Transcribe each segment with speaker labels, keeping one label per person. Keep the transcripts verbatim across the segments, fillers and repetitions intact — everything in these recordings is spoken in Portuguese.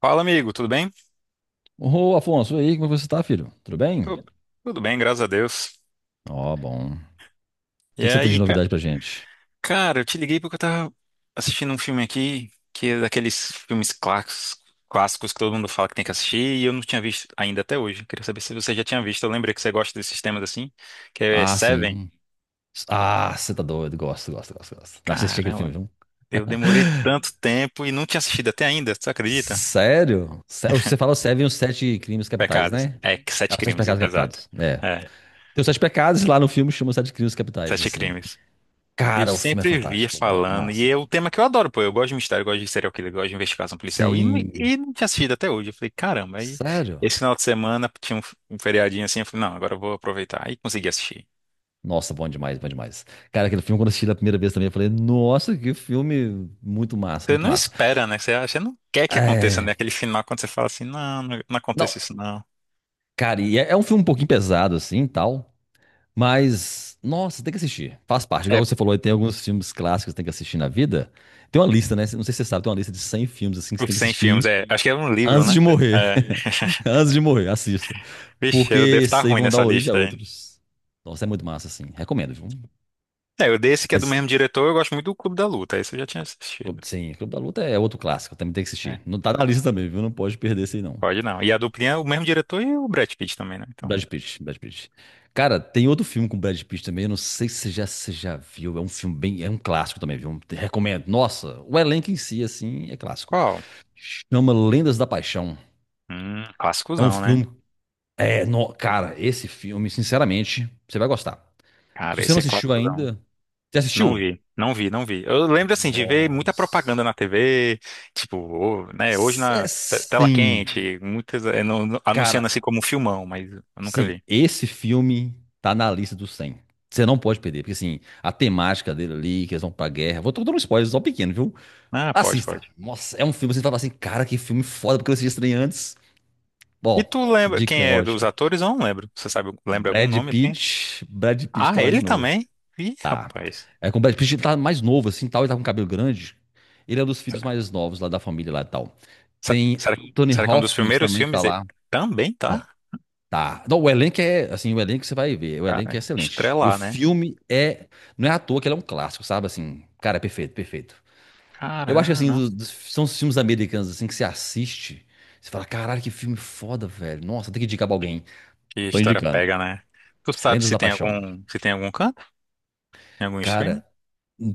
Speaker 1: Fala, amigo, tudo bem?
Speaker 2: Ô, Afonso, e aí, como é que você tá, filho? Tudo bem?
Speaker 1: Tu- Tudo bem, graças a Deus.
Speaker 2: Ó, bom. O que
Speaker 1: E
Speaker 2: que você tem de
Speaker 1: aí, ca-
Speaker 2: novidade pra gente?
Speaker 1: cara, eu te liguei porque eu tava assistindo um filme aqui, que é daqueles filmes clássicos, clássicos que todo mundo fala que tem que assistir, e eu não tinha visto ainda até hoje. Queria saber se você já tinha visto. Eu lembrei que você gosta desses temas assim, que é
Speaker 2: Ah,
Speaker 1: Seven.
Speaker 2: sim. Ah, você tá doido. Gosto, gosto, gosto, gosto. Assisti aquele
Speaker 1: Caramba,
Speaker 2: filme, viu?
Speaker 1: eu demorei tanto tempo e não tinha assistido até ainda, você acredita?
Speaker 2: Sério? Sé- Você fala Seven, os Sete Crimes Capitais,
Speaker 1: Pecados.
Speaker 2: né?
Speaker 1: É, que
Speaker 2: Ah,
Speaker 1: Sete
Speaker 2: os Sete
Speaker 1: Crimes,
Speaker 2: Pecados
Speaker 1: exato.
Speaker 2: Capitais. É.
Speaker 1: É,
Speaker 2: Tem os Sete Pecados e lá no filme, chama os Sete Crimes Capitais,
Speaker 1: Sete
Speaker 2: assim.
Speaker 1: Crimes. Eu
Speaker 2: Cara, o filme é
Speaker 1: sempre via
Speaker 2: fantástico, velho.
Speaker 1: falando,
Speaker 2: Massa.
Speaker 1: e é o tema que eu adoro, pô. Eu gosto de mistério, eu gosto de serial killer, eu gosto de investigação policial, e, não-
Speaker 2: Sim.
Speaker 1: e não tinha assistido até hoje. Eu falei, caramba, aí
Speaker 2: Sério?
Speaker 1: esse final de semana tinha um, um feriadinho assim, eu falei, não, agora eu vou aproveitar. Aí consegui assistir.
Speaker 2: Nossa, bom demais, bom demais. Cara, aquele filme, quando eu assisti da primeira vez também, eu falei, nossa, que filme muito massa,
Speaker 1: Você
Speaker 2: muito
Speaker 1: não
Speaker 2: massa.
Speaker 1: espera, né? Você, acha- você não quer que aconteça, né?
Speaker 2: É.
Speaker 1: Aquele final quando você fala assim, não, não, não
Speaker 2: Não,
Speaker 1: aconteça isso, não.
Speaker 2: cara, e é, é um filme um pouquinho pesado, assim, e tal. Mas, nossa, tem que assistir. Faz parte.
Speaker 1: É,
Speaker 2: Igual você falou, aí tem alguns filmes clássicos que tem que assistir na vida. Tem uma lista, né? Não sei se você sabe, tem uma lista de cem filmes, assim, que você
Speaker 1: por
Speaker 2: tem que
Speaker 1: cem filmes,
Speaker 2: assistir
Speaker 1: é. Acho que é um livro,
Speaker 2: antes
Speaker 1: né?
Speaker 2: de morrer.
Speaker 1: É.
Speaker 2: Antes de morrer, assista.
Speaker 1: Vixe,
Speaker 2: Porque
Speaker 1: eu devo estar
Speaker 2: esses aí
Speaker 1: ruim
Speaker 2: vão dar
Speaker 1: nessa
Speaker 2: origem a
Speaker 1: lista aí.
Speaker 2: outros. Nossa, é muito massa, assim. Recomendo, viu?
Speaker 1: É, eu dei esse que é do
Speaker 2: Mas,
Speaker 1: mesmo diretor, eu gosto muito do Clube da Luta, esse eu já tinha assistido.
Speaker 2: sim, Clube da Luta é outro clássico, também tem que
Speaker 1: É.
Speaker 2: assistir. Não tá na lista também, viu? Não pode perder esse aí, não.
Speaker 1: Pode não. E a duplinha é o mesmo diretor e o Brad Pitt também, né? Então,
Speaker 2: Brad Pitt, Brad Pitt. Cara, tem outro filme com Brad Pitt também, eu não sei se você já, se você já viu, é um filme bem, é um clássico também, viu? Te recomendo. Nossa, o elenco em si, assim, é clássico.
Speaker 1: qual?
Speaker 2: Chama Lendas da Paixão.
Speaker 1: Hum,
Speaker 2: É um
Speaker 1: clássicozão, né?
Speaker 2: filme, é, no- cara, esse filme, sinceramente, você vai gostar. Se
Speaker 1: Cara,
Speaker 2: você não
Speaker 1: esse é
Speaker 2: assistiu
Speaker 1: clássicozão.
Speaker 2: ainda, você
Speaker 1: Não
Speaker 2: assistiu?
Speaker 1: vi, não vi, não vi. Eu lembro, assim, de ver muita
Speaker 2: Nossa.
Speaker 1: propaganda na T V, tipo, ô, né, hoje
Speaker 2: É,
Speaker 1: na te- tela
Speaker 2: sim,
Speaker 1: quente, muitas, é, no- no- anunciando assim
Speaker 2: cara.
Speaker 1: como um filmão, mas eu nunca
Speaker 2: Sim,
Speaker 1: vi.
Speaker 2: esse filme tá na lista dos cem. Você não pode perder, porque assim, a temática dele ali, que eles vão pra guerra. Vou tô dando um spoiler só um pequeno, viu?
Speaker 1: Ah, pode,
Speaker 2: Assista.
Speaker 1: pode.
Speaker 2: Nossa, é um filme, você fala assim, cara, que filme foda, porque eu assisti estranho antes.
Speaker 1: E
Speaker 2: Bom,
Speaker 1: tu lembra quem
Speaker 2: dica
Speaker 1: é dos
Speaker 2: ótima.
Speaker 1: atores? Eu não lembro. Você sabe, lembra algum
Speaker 2: Brad
Speaker 1: nome? Assim?
Speaker 2: Pitt, Brad Pitt tá
Speaker 1: Ah,
Speaker 2: lá
Speaker 1: ele
Speaker 2: de novo.
Speaker 1: também? Ih,
Speaker 2: Tá.
Speaker 1: rapaz.
Speaker 2: É com o Brad Pitt, ele tá mais novo, assim, tal, ele tá com cabelo grande. Ele é um dos
Speaker 1: Se-
Speaker 2: filhos mais novos lá da família lá e tal.
Speaker 1: se-
Speaker 2: Tem
Speaker 1: Será,
Speaker 2: Anthony
Speaker 1: será que é um dos
Speaker 2: Hopkins
Speaker 1: primeiros
Speaker 2: também
Speaker 1: filmes
Speaker 2: tá
Speaker 1: dele?
Speaker 2: lá.
Speaker 1: Também, tá?
Speaker 2: Tá. Não, o elenco é, assim, o elenco você vai ver, o elenco
Speaker 1: Cara,
Speaker 2: é excelente. E o
Speaker 1: estrelar, né?
Speaker 2: filme é, não é à toa que ele é um clássico, sabe? Assim, cara, é perfeito, perfeito. Eu acho que, assim,
Speaker 1: Caramba,
Speaker 2: do- dos- são os filmes americanos, assim, que você assiste, você fala, caralho, que filme foda, velho. Nossa, tem que indicar pra alguém.
Speaker 1: que
Speaker 2: Tô
Speaker 1: história
Speaker 2: indicando.
Speaker 1: pega, né? Tu sabe
Speaker 2: Lendas
Speaker 1: se
Speaker 2: da
Speaker 1: tem
Speaker 2: Paixão.
Speaker 1: algum, se tem algum canto? Tem algum streaming?
Speaker 2: Cara,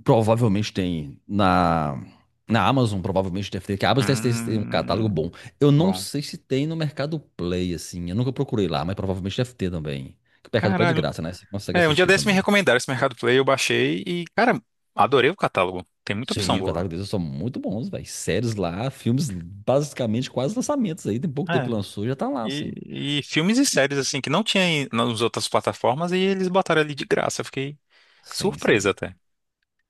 Speaker 2: provavelmente tem na, na Amazon, provavelmente deve ter, que a Amazon deve ter tem um catálogo bom.
Speaker 1: Hum,
Speaker 2: Eu não
Speaker 1: bom.
Speaker 2: sei se tem no Mercado Play, assim, eu nunca procurei lá, mas provavelmente deve ter também. Que o Mercado Play é de
Speaker 1: Caralho.
Speaker 2: graça, né? Você consegue
Speaker 1: É, um dia
Speaker 2: assistir
Speaker 1: desse me
Speaker 2: também.
Speaker 1: recomendaram esse Mercado Play, eu baixei e, cara, adorei o catálogo. Tem muita opção
Speaker 2: Sim, o
Speaker 1: boa.
Speaker 2: catálogo deles são muito bons, velho. Séries lá, filmes basicamente quase lançamentos aí. Tem pouco tempo que
Speaker 1: É.
Speaker 2: lançou, já tá lá, assim.
Speaker 1: E, e filmes e séries, assim, que não tinha em- nas outras plataformas e eles botaram ali de graça. Eu fiquei
Speaker 2: Sim,
Speaker 1: surpresa
Speaker 2: sim.
Speaker 1: até.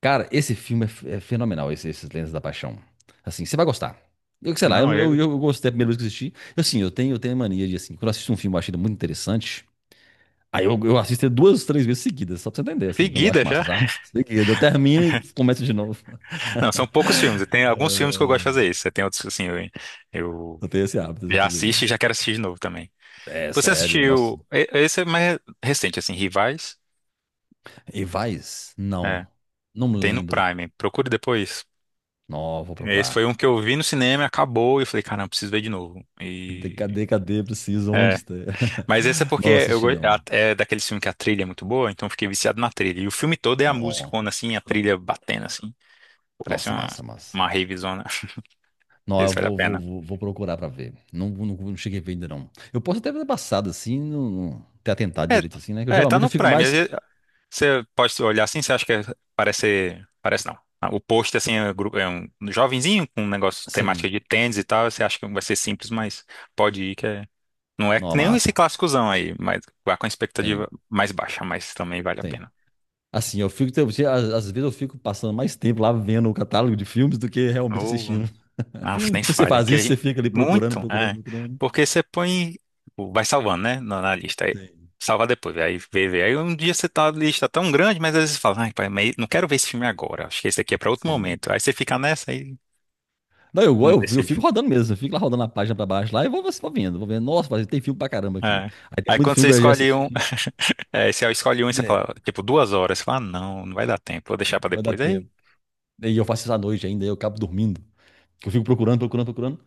Speaker 2: Cara, esse filme é, f- é fenomenal, esse, esses Lendas da Paixão. Assim, você vai gostar. Eu sei lá, eu,
Speaker 1: Não,
Speaker 2: eu,
Speaker 1: eu.
Speaker 2: eu gostei a primeira vez que eu assisti. Eu, assim, eu tenho, eu tenho mania de, assim, quando eu assisto um filme, eu acho ele muito interessante. Aí eu, eu assisto ele duas, três vezes seguidas, só pra você entender, assim, quando eu acho
Speaker 1: Seguida
Speaker 2: massa,
Speaker 1: já.
Speaker 2: sabe? Seguida, eu termino e começo de novo.
Speaker 1: Não, são poucos filmes. Tem alguns filmes que eu gosto de
Speaker 2: É,
Speaker 1: fazer isso. Tem outros, que, assim, eu, eu
Speaker 2: eu tenho esse hábito de
Speaker 1: já
Speaker 2: fazer
Speaker 1: assisto e
Speaker 2: isso.
Speaker 1: já quero assistir de novo também.
Speaker 2: É
Speaker 1: Você
Speaker 2: sério, nossa.
Speaker 1: assistiu. e- Esse é mais recente, assim, Rivais?
Speaker 2: Evais? Não.
Speaker 1: É.
Speaker 2: Não me
Speaker 1: Tem no
Speaker 2: lembro.
Speaker 1: Prime. Procure depois.
Speaker 2: Não, vou
Speaker 1: Esse
Speaker 2: procurar.
Speaker 1: foi um que eu vi no cinema, acabou, e eu falei, caramba, preciso ver de novo.
Speaker 2: De-
Speaker 1: E.
Speaker 2: Cadê, cadê? Preciso, onde
Speaker 1: É.
Speaker 2: está?
Speaker 1: Mas esse é porque
Speaker 2: Não
Speaker 1: eu,
Speaker 2: assisti,
Speaker 1: go- é
Speaker 2: não.
Speaker 1: é daquele filme que a trilha é muito boa, então eu fiquei viciado na trilha. E o filme todo é a
Speaker 2: Não.
Speaker 1: musicona, assim, a trilha batendo, assim. Parece
Speaker 2: Nossa,
Speaker 1: uma,
Speaker 2: massa, massa.
Speaker 1: uma ravezona.
Speaker 2: Não, eu
Speaker 1: Esse vale a
Speaker 2: vou, vou,
Speaker 1: pena.
Speaker 2: vou, vou procurar pra ver. Não, não, não cheguei a ver ainda, não. Eu posso até ter passado assim, não, não ter atentado direito assim, né? Que eu
Speaker 1: É, é, tá
Speaker 2: geralmente eu
Speaker 1: no
Speaker 2: fico
Speaker 1: Prime.
Speaker 2: mais.
Speaker 1: Você pode olhar assim, você acha que é- parece. Parece não. Ah, o post assim, é gru- é um jovenzinho com um negócio temática
Speaker 2: Sim,
Speaker 1: de tênis e tal. Você acha que vai ser simples, mas pode ir que é. Não é que
Speaker 2: não,
Speaker 1: nem esse
Speaker 2: massa.
Speaker 1: clássicozão aí, mas vá com a
Speaker 2: Sim,
Speaker 1: expectativa mais baixa, mas também vale a
Speaker 2: sim.
Speaker 1: pena.
Speaker 2: Assim, eu fico. tem- tem- Às às vezes eu fico passando mais tempo lá vendo o catálogo de filmes do que realmente
Speaker 1: Ou,
Speaker 2: assistindo.
Speaker 1: nossa,
Speaker 2: Não
Speaker 1: nem
Speaker 2: sei se você
Speaker 1: falha.
Speaker 2: faz
Speaker 1: Que a
Speaker 2: isso, você
Speaker 1: gente...
Speaker 2: fica ali procurando,
Speaker 1: Muito,
Speaker 2: procurando,
Speaker 1: é.
Speaker 2: procurando.
Speaker 1: Porque você põe. Tipo, vai salvando, né? Na, na lista. Aí,
Speaker 2: Sim.
Speaker 1: salva depois. Aí vê, vê. Aí um dia você tá na lista tá tão grande, mas às vezes você fala, ai, pai, mas não quero ver esse filme agora. Acho que esse aqui é pra outro
Speaker 2: Sim.
Speaker 1: momento. Aí você fica nessa aí.
Speaker 2: Não, eu, go-
Speaker 1: Não
Speaker 2: eu, eu fico
Speaker 1: decide.
Speaker 2: rodando mesmo, eu fico lá rodando a página pra baixo lá e vou, vou vendo, vou vendo. Nossa, mas tem filme pra caramba aqui.
Speaker 1: É.
Speaker 2: Aí tem
Speaker 1: Aí
Speaker 2: muito
Speaker 1: quando
Speaker 2: filme
Speaker 1: você
Speaker 2: que eu já
Speaker 1: escolhe um,
Speaker 2: assisti.
Speaker 1: é, você escolhe um e você
Speaker 2: Né,
Speaker 1: fala, tipo, duas horas. Você fala, ah, não, não vai dar tempo, vou deixar pra
Speaker 2: vai dar
Speaker 1: depois. Aí
Speaker 2: tempo. E eu faço isso à noite ainda, eu acabo dormindo. Que eu fico procurando, procurando, procurando.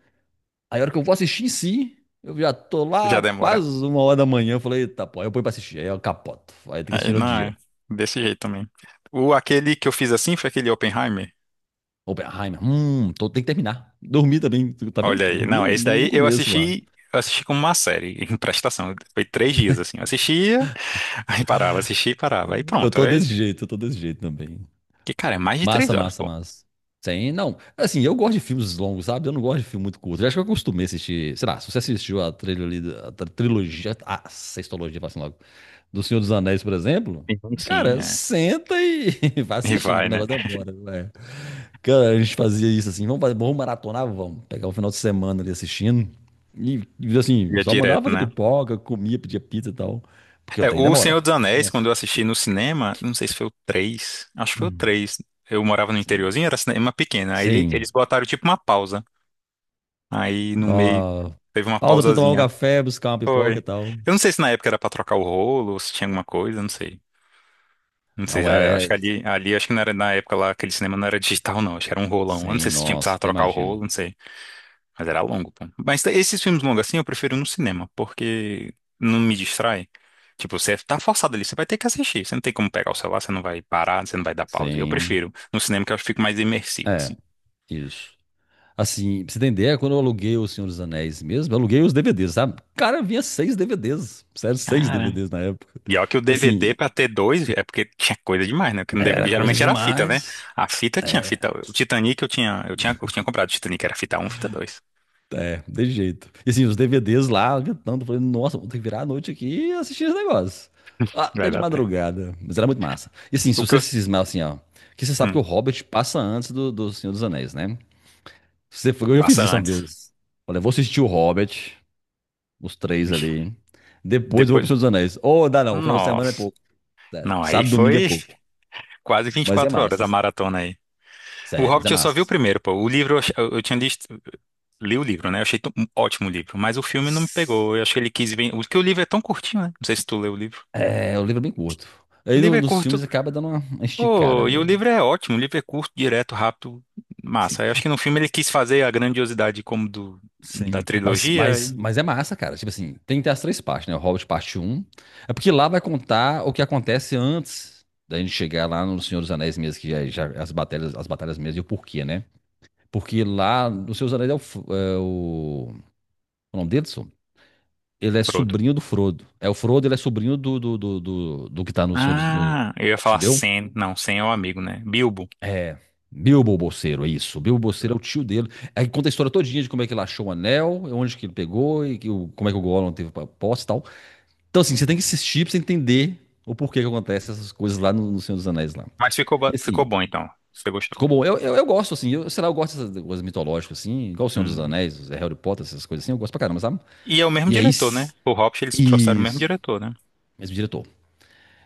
Speaker 2: Aí a hora que eu vou assistir em si, eu já tô
Speaker 1: já
Speaker 2: lá quase
Speaker 1: demora.
Speaker 2: uma hora da manhã. Eu falei, eita, pô, aí eu ponho pra assistir. Aí eu capoto. Aí tem que assistir
Speaker 1: Aí,
Speaker 2: no outro
Speaker 1: não, é
Speaker 2: dia.
Speaker 1: desse jeito também. O, aquele que eu fiz assim foi aquele Oppenheimer.
Speaker 2: Oppenheimer, hum, tô, tem que terminar. Dormi também, tu tá vendo?
Speaker 1: Olha
Speaker 2: Eu
Speaker 1: aí. Não,
Speaker 2: dormi
Speaker 1: esse
Speaker 2: no, no
Speaker 1: daí eu
Speaker 2: começo lá.
Speaker 1: assisti, eu assisti como uma série, em prestação. Foi três dias, assim. Eu assistia, aí parava, assistia e parava. Aí
Speaker 2: Eu
Speaker 1: pronto.
Speaker 2: tô
Speaker 1: Aí,
Speaker 2: desse jeito, eu tô desse jeito também.
Speaker 1: que, cara, é mais de três
Speaker 2: Massa,
Speaker 1: horas,
Speaker 2: massa,
Speaker 1: pô.
Speaker 2: massa. Sim, não. Assim, eu gosto de filmes longos, sabe? Eu não gosto de filme muito curto. Eu acho que eu acostumei a assistir. Sei lá, se você assistiu a trilha trilogia, a tri- trilogia, a sextologia, assim logo, do Senhor dos Anéis, por exemplo,
Speaker 1: Sim, sim,
Speaker 2: cara,
Speaker 1: é.
Speaker 2: senta e vai
Speaker 1: E
Speaker 2: assistindo, que o
Speaker 1: vai, né?
Speaker 2: negócio demora, né? Cara, a gente fazia isso assim, vamos fazer, vamos maratonar, vamos pegar um final de semana ali assistindo. E, e, assim,
Speaker 1: Ia
Speaker 2: só mandava
Speaker 1: direto,
Speaker 2: fazer
Speaker 1: né?
Speaker 2: pipoca, comia, pedia pizza e tal. Porque o
Speaker 1: É,
Speaker 2: trem
Speaker 1: o
Speaker 2: demora.
Speaker 1: Senhor dos Anéis,
Speaker 2: Nossa.
Speaker 1: quando eu assisti no cinema, não sei se foi o três, acho que foi o
Speaker 2: Hum.
Speaker 1: três. Eu morava no
Speaker 2: Sim.
Speaker 1: interiorzinho, era cinema pequeno. Aí ele- eles
Speaker 2: Sim.
Speaker 1: botaram tipo uma pausa. Aí no meio
Speaker 2: Nó,
Speaker 1: teve uma
Speaker 2: pausa pra você tomar um
Speaker 1: pausazinha.
Speaker 2: café, buscar uma pipoca e
Speaker 1: Foi.
Speaker 2: tal.
Speaker 1: Eu não sei se na época era pra trocar o rolo ou se tinha alguma coisa, não sei. Não sei,
Speaker 2: Não
Speaker 1: a- acho
Speaker 2: era.
Speaker 1: que
Speaker 2: É...
Speaker 1: ali, ali acho que não era na época lá, aquele cinema não era digital não, acho que era um rolão. Eu não
Speaker 2: Sim,
Speaker 1: sei se tinha
Speaker 2: nossa,
Speaker 1: precisava
Speaker 2: até
Speaker 1: trocar o rolo,
Speaker 2: imagino.
Speaker 1: não sei. Mas era longo, pô. Mas esses filmes longos assim eu prefiro no cinema, porque não me distrai. Tipo, você tá forçado ali, você vai ter que assistir. Você não tem como pegar o celular, você não vai parar, você não vai dar pausa. Eu
Speaker 2: Sim.
Speaker 1: prefiro no cinema que eu fico mais imersivo,
Speaker 2: É,
Speaker 1: assim.
Speaker 2: isso. Assim, pra você entender, quando eu aluguei O Senhor dos Anéis mesmo, eu aluguei os D V Ds, sabe? Cara, vinha seis D V Ds. Sério, seis
Speaker 1: Cara,
Speaker 2: D V Ds na época.
Speaker 1: e ó que o
Speaker 2: E assim,
Speaker 1: D V D pra ter dois é porque tinha coisa demais, né? Porque no D V D
Speaker 2: era coisa
Speaker 1: geralmente era a fita, né?
Speaker 2: demais,
Speaker 1: A fita tinha
Speaker 2: né?
Speaker 1: fita. O Titanic eu tinha, eu tinha, eu tinha comprado o Titanic, era fita um, fita dois.
Speaker 2: É, de jeito. E assim, os D V Ds lá, tanto, eu falei, nossa, vou ter que virar a noite aqui e assistir esse negócio. Ah, até
Speaker 1: Vai
Speaker 2: de
Speaker 1: dar até.
Speaker 2: madrugada, mas era muito massa. E assim, se
Speaker 1: O que
Speaker 2: você
Speaker 1: eu.
Speaker 2: se cismar assim, ó, que você sabe que o
Speaker 1: Hum,
Speaker 2: Hobbit passa antes do, do Senhor dos Anéis, né? Você, foi- eu já fiz
Speaker 1: passa
Speaker 2: isso uma
Speaker 1: antes.
Speaker 2: vez. Falei, vou assistir o Hobbit, os três
Speaker 1: Vixe,
Speaker 2: ali, depois eu vou pro
Speaker 1: depois.
Speaker 2: Senhor dos Anéis. Ou dá não, o final de semana é
Speaker 1: Nossa.
Speaker 2: pouco, sério.
Speaker 1: Não, aí
Speaker 2: Sábado, domingo é
Speaker 1: foi.
Speaker 2: pouco,
Speaker 1: Quase
Speaker 2: mas é
Speaker 1: vinte e quatro horas
Speaker 2: massa,
Speaker 1: a
Speaker 2: assim.
Speaker 1: maratona aí. O
Speaker 2: Sério, mas é
Speaker 1: Hobbit eu só
Speaker 2: massa,
Speaker 1: vi o
Speaker 2: assim.
Speaker 1: primeiro, pô. O livro eu, ach- eu eu tinha visto. Li o livro, né? Eu achei t- um ótimo livro, mas o filme não me pegou. Eu acho que ele quis bem. Porque o livro é tão curtinho, né? Não sei se tu leu o livro.
Speaker 2: É, o livro é bem curto.
Speaker 1: O
Speaker 2: Aí
Speaker 1: livro
Speaker 2: no-
Speaker 1: é
Speaker 2: nos
Speaker 1: curto.
Speaker 2: filmes acaba dando uma uma esticada
Speaker 1: Pô, e o
Speaker 2: nele,
Speaker 1: livro é ótimo. O livro é curto, direto, rápido,
Speaker 2: sim.
Speaker 1: massa. Eu acho que no filme ele quis fazer a grandiosidade como do da
Speaker 2: Sim, mas,
Speaker 1: trilogia
Speaker 2: mas,
Speaker 1: e
Speaker 2: mas é massa, cara. Tipo assim, tem que ter as três partes, né? O Hobbit parte um. É porque lá vai contar o que acontece antes da gente chegar lá no Senhor dos Anéis mesmo, que já, já- as batalhas, as batalhas mesmo e o porquê, né? Porque lá no Senhor dos Anéis é o, F- é o, o nome dele, Edson? Ele é
Speaker 1: Frodo.
Speaker 2: sobrinho do Frodo. É o Frodo, ele é sobrinho do do, do, do, do que tá no Senhor dos no,
Speaker 1: Ah, eu ia
Speaker 2: Hobbit,
Speaker 1: falar
Speaker 2: entendeu?
Speaker 1: Sam. Não, Sam é o amigo, né? Bilbo.
Speaker 2: É, Bilbo Bolseiro, é isso. Bilbo Bolseiro é o tio dele. Aí conta a história todinha de como é que ele achou o anel, onde que ele pegou e que o- como é que o Gollum teve pra posse e tal. Então, assim, você tem que assistir pra você entender o porquê que acontece essas coisas lá no, no Senhor dos Anéis lá.
Speaker 1: Mas ficou,
Speaker 2: E
Speaker 1: ba- ficou
Speaker 2: assim,
Speaker 1: bom então. Você gostou?
Speaker 2: ficou bom. Eu, eu, eu gosto, assim, eu, sei lá, eu gosto dessas coisas mitológicas, assim, igual o Senhor dos
Speaker 1: Hum.
Speaker 2: Anéis, Harry Potter, essas coisas assim, eu gosto pra caramba, sabe?
Speaker 1: E é o mesmo
Speaker 2: E aí,
Speaker 1: diretor, né?
Speaker 2: s-
Speaker 1: O Hobbit, eles trouxeram o mesmo
Speaker 2: isso.
Speaker 1: diretor, né?
Speaker 2: Mesmo diretor.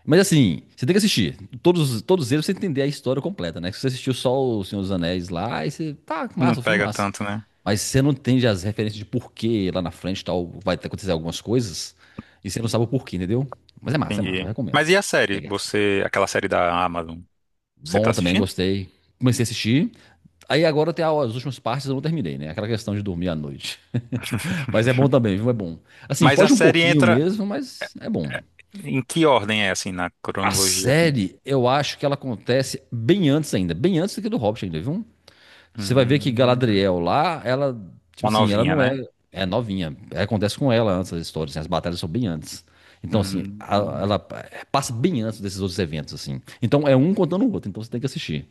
Speaker 2: Mas assim, você tem que assistir. Todos, todos eles pra você entender a história completa, né? Se você assistiu só O Senhor dos Anéis lá, aí você. Tá,
Speaker 1: Não
Speaker 2: massa, o filme
Speaker 1: pega
Speaker 2: massa.
Speaker 1: tanto, né?
Speaker 2: Mas você não entende as referências de porquê lá na frente tal, vai acontecer algumas coisas, e você não sabe o porquê, entendeu? Mas é massa, é massa,
Speaker 1: Entendi.
Speaker 2: eu recomendo.
Speaker 1: Mas e a série?
Speaker 2: Pegar assim.
Speaker 1: Você, aquela série da Amazon, você tá
Speaker 2: Bom também,
Speaker 1: assistindo?
Speaker 2: gostei. Comecei a assistir. Aí agora tem as últimas partes, eu não terminei, né? Aquela questão de dormir à noite. Mas é bom também, viu? É bom. Assim,
Speaker 1: Mas a
Speaker 2: foge um
Speaker 1: série
Speaker 2: pouquinho
Speaker 1: entra
Speaker 2: mesmo, mas é bom.
Speaker 1: eh, em que ordem é assim na
Speaker 2: A
Speaker 1: cronologia assim?
Speaker 2: série, eu acho que ela acontece bem antes ainda, bem antes do que do Hobbit ainda, viu? Você vai ver que
Speaker 1: Hum,
Speaker 2: Galadriel lá, ela, tipo
Speaker 1: uma
Speaker 2: assim, ela
Speaker 1: novinha,
Speaker 2: não é,
Speaker 1: né?
Speaker 2: é novinha. Acontece com ela antes as histórias, assim, as batalhas são bem antes. Então, assim,
Speaker 1: Hum,
Speaker 2: a- ela passa bem antes desses outros eventos, assim. Então, é um contando o outro, então você tem que assistir.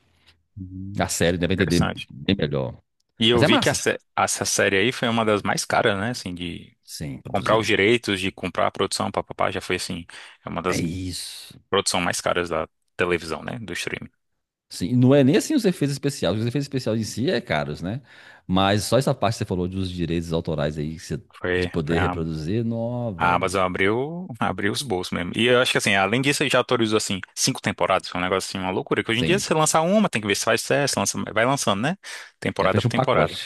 Speaker 1: hum,
Speaker 2: A série deve entender
Speaker 1: interessante.
Speaker 2: bem melhor.
Speaker 1: E
Speaker 2: Mas
Speaker 1: eu
Speaker 2: é
Speaker 1: vi que a
Speaker 2: massa.
Speaker 1: sé- essa série aí foi uma das mais caras, né? Assim, de
Speaker 2: Sim,
Speaker 1: comprar os
Speaker 2: produzida.
Speaker 1: direitos, de comprar a produção, papapá, já foi assim, é uma
Speaker 2: É
Speaker 1: das
Speaker 2: isso.
Speaker 1: produções mais caras da televisão, né? Do streaming.
Speaker 2: Sim, não é nem assim os efeitos especiais. Os efeitos especiais em si é caros, né? Mas só essa parte que você falou dos direitos autorais aí, que você- de
Speaker 1: Foi, foi
Speaker 2: poder
Speaker 1: a,
Speaker 2: reproduzir, não,
Speaker 1: a
Speaker 2: velho.
Speaker 1: Amazon abriu, abriu os bolsos mesmo. E eu acho que assim, além disso, ele já autorizou assim cinco temporadas, foi um negócio assim, uma loucura. Que hoje em dia
Speaker 2: Sim,
Speaker 1: você lança uma, tem que ver se faz sucesso, lança, vai lançando, né?
Speaker 2: já
Speaker 1: Temporada por
Speaker 2: fecha um pacote.
Speaker 1: temporada.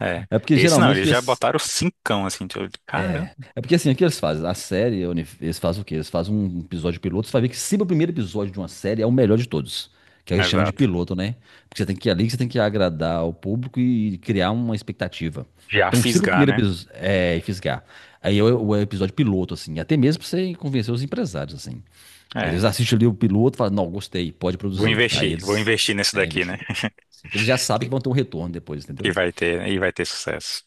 Speaker 1: É.
Speaker 2: É porque
Speaker 1: Esse não,
Speaker 2: geralmente
Speaker 1: eles
Speaker 2: que
Speaker 1: já
Speaker 2: as-
Speaker 1: botaram cincão assim, tipo, caramba.
Speaker 2: É porque assim, o que eles fazem? A série, Oni, eles fazem o quê? Eles fazem um episódio piloto, você vai ver que sempre o primeiro episódio de uma série é o melhor de todos. Que eles chamam de
Speaker 1: Exato.
Speaker 2: piloto, né? Porque você tem que ir ali, que você tem que agradar o público e criar uma expectativa.
Speaker 1: Já
Speaker 2: Então, sempre o
Speaker 1: fisgar,
Speaker 2: primeiro
Speaker 1: né?
Speaker 2: episódio é fisgar. Aí é o o episódio piloto, assim. Até mesmo pra você convencer os empresários, assim. Aí
Speaker 1: É.
Speaker 2: eles assistem ali o piloto e falam, não, gostei, pode
Speaker 1: Vou
Speaker 2: produzir. Aí
Speaker 1: investir, vou
Speaker 2: eles
Speaker 1: investir nesse
Speaker 2: é,
Speaker 1: daqui, né?
Speaker 2: investir. Assim, que eles já sabem que
Speaker 1: Que,
Speaker 2: vão ter um retorno depois,
Speaker 1: que
Speaker 2: entendeu?
Speaker 1: vai ter, e vai ter sucesso.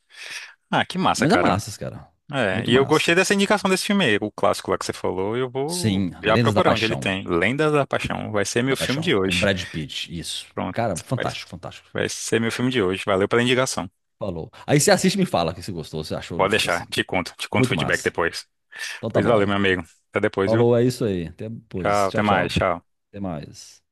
Speaker 1: Ah, que massa,
Speaker 2: Mas é
Speaker 1: cara.
Speaker 2: massas, cara.
Speaker 1: É,
Speaker 2: Muito
Speaker 1: e eu gostei
Speaker 2: massa.
Speaker 1: dessa indicação desse filme aí, o clássico lá que você falou. Eu vou
Speaker 2: Sim,
Speaker 1: já
Speaker 2: Lendas da
Speaker 1: procurar onde ele
Speaker 2: Paixão.
Speaker 1: tem. Lendas da Paixão. Vai ser
Speaker 2: Da
Speaker 1: meu filme
Speaker 2: Paixão,
Speaker 1: de
Speaker 2: com
Speaker 1: hoje.
Speaker 2: Brad Pitt, isso.
Speaker 1: Pronto.
Speaker 2: Cara,
Speaker 1: Vai,
Speaker 2: fantástico, fantástico.
Speaker 1: vai ser meu filme de hoje. Valeu pela indicação.
Speaker 2: Falou. Aí você assiste e me fala o que você gostou, você achou do
Speaker 1: Pode
Speaker 2: filme
Speaker 1: deixar.
Speaker 2: assim.
Speaker 1: Te conto. Te conto o
Speaker 2: Muito
Speaker 1: feedback
Speaker 2: massa.
Speaker 1: depois.
Speaker 2: Então tá
Speaker 1: Pois valeu,
Speaker 2: bom.
Speaker 1: meu amigo. Até depois, viu?
Speaker 2: Falou, é isso aí. Até depois.
Speaker 1: Tchau. Até
Speaker 2: Tchau, tchau.
Speaker 1: mais. Tchau.
Speaker 2: Até mais.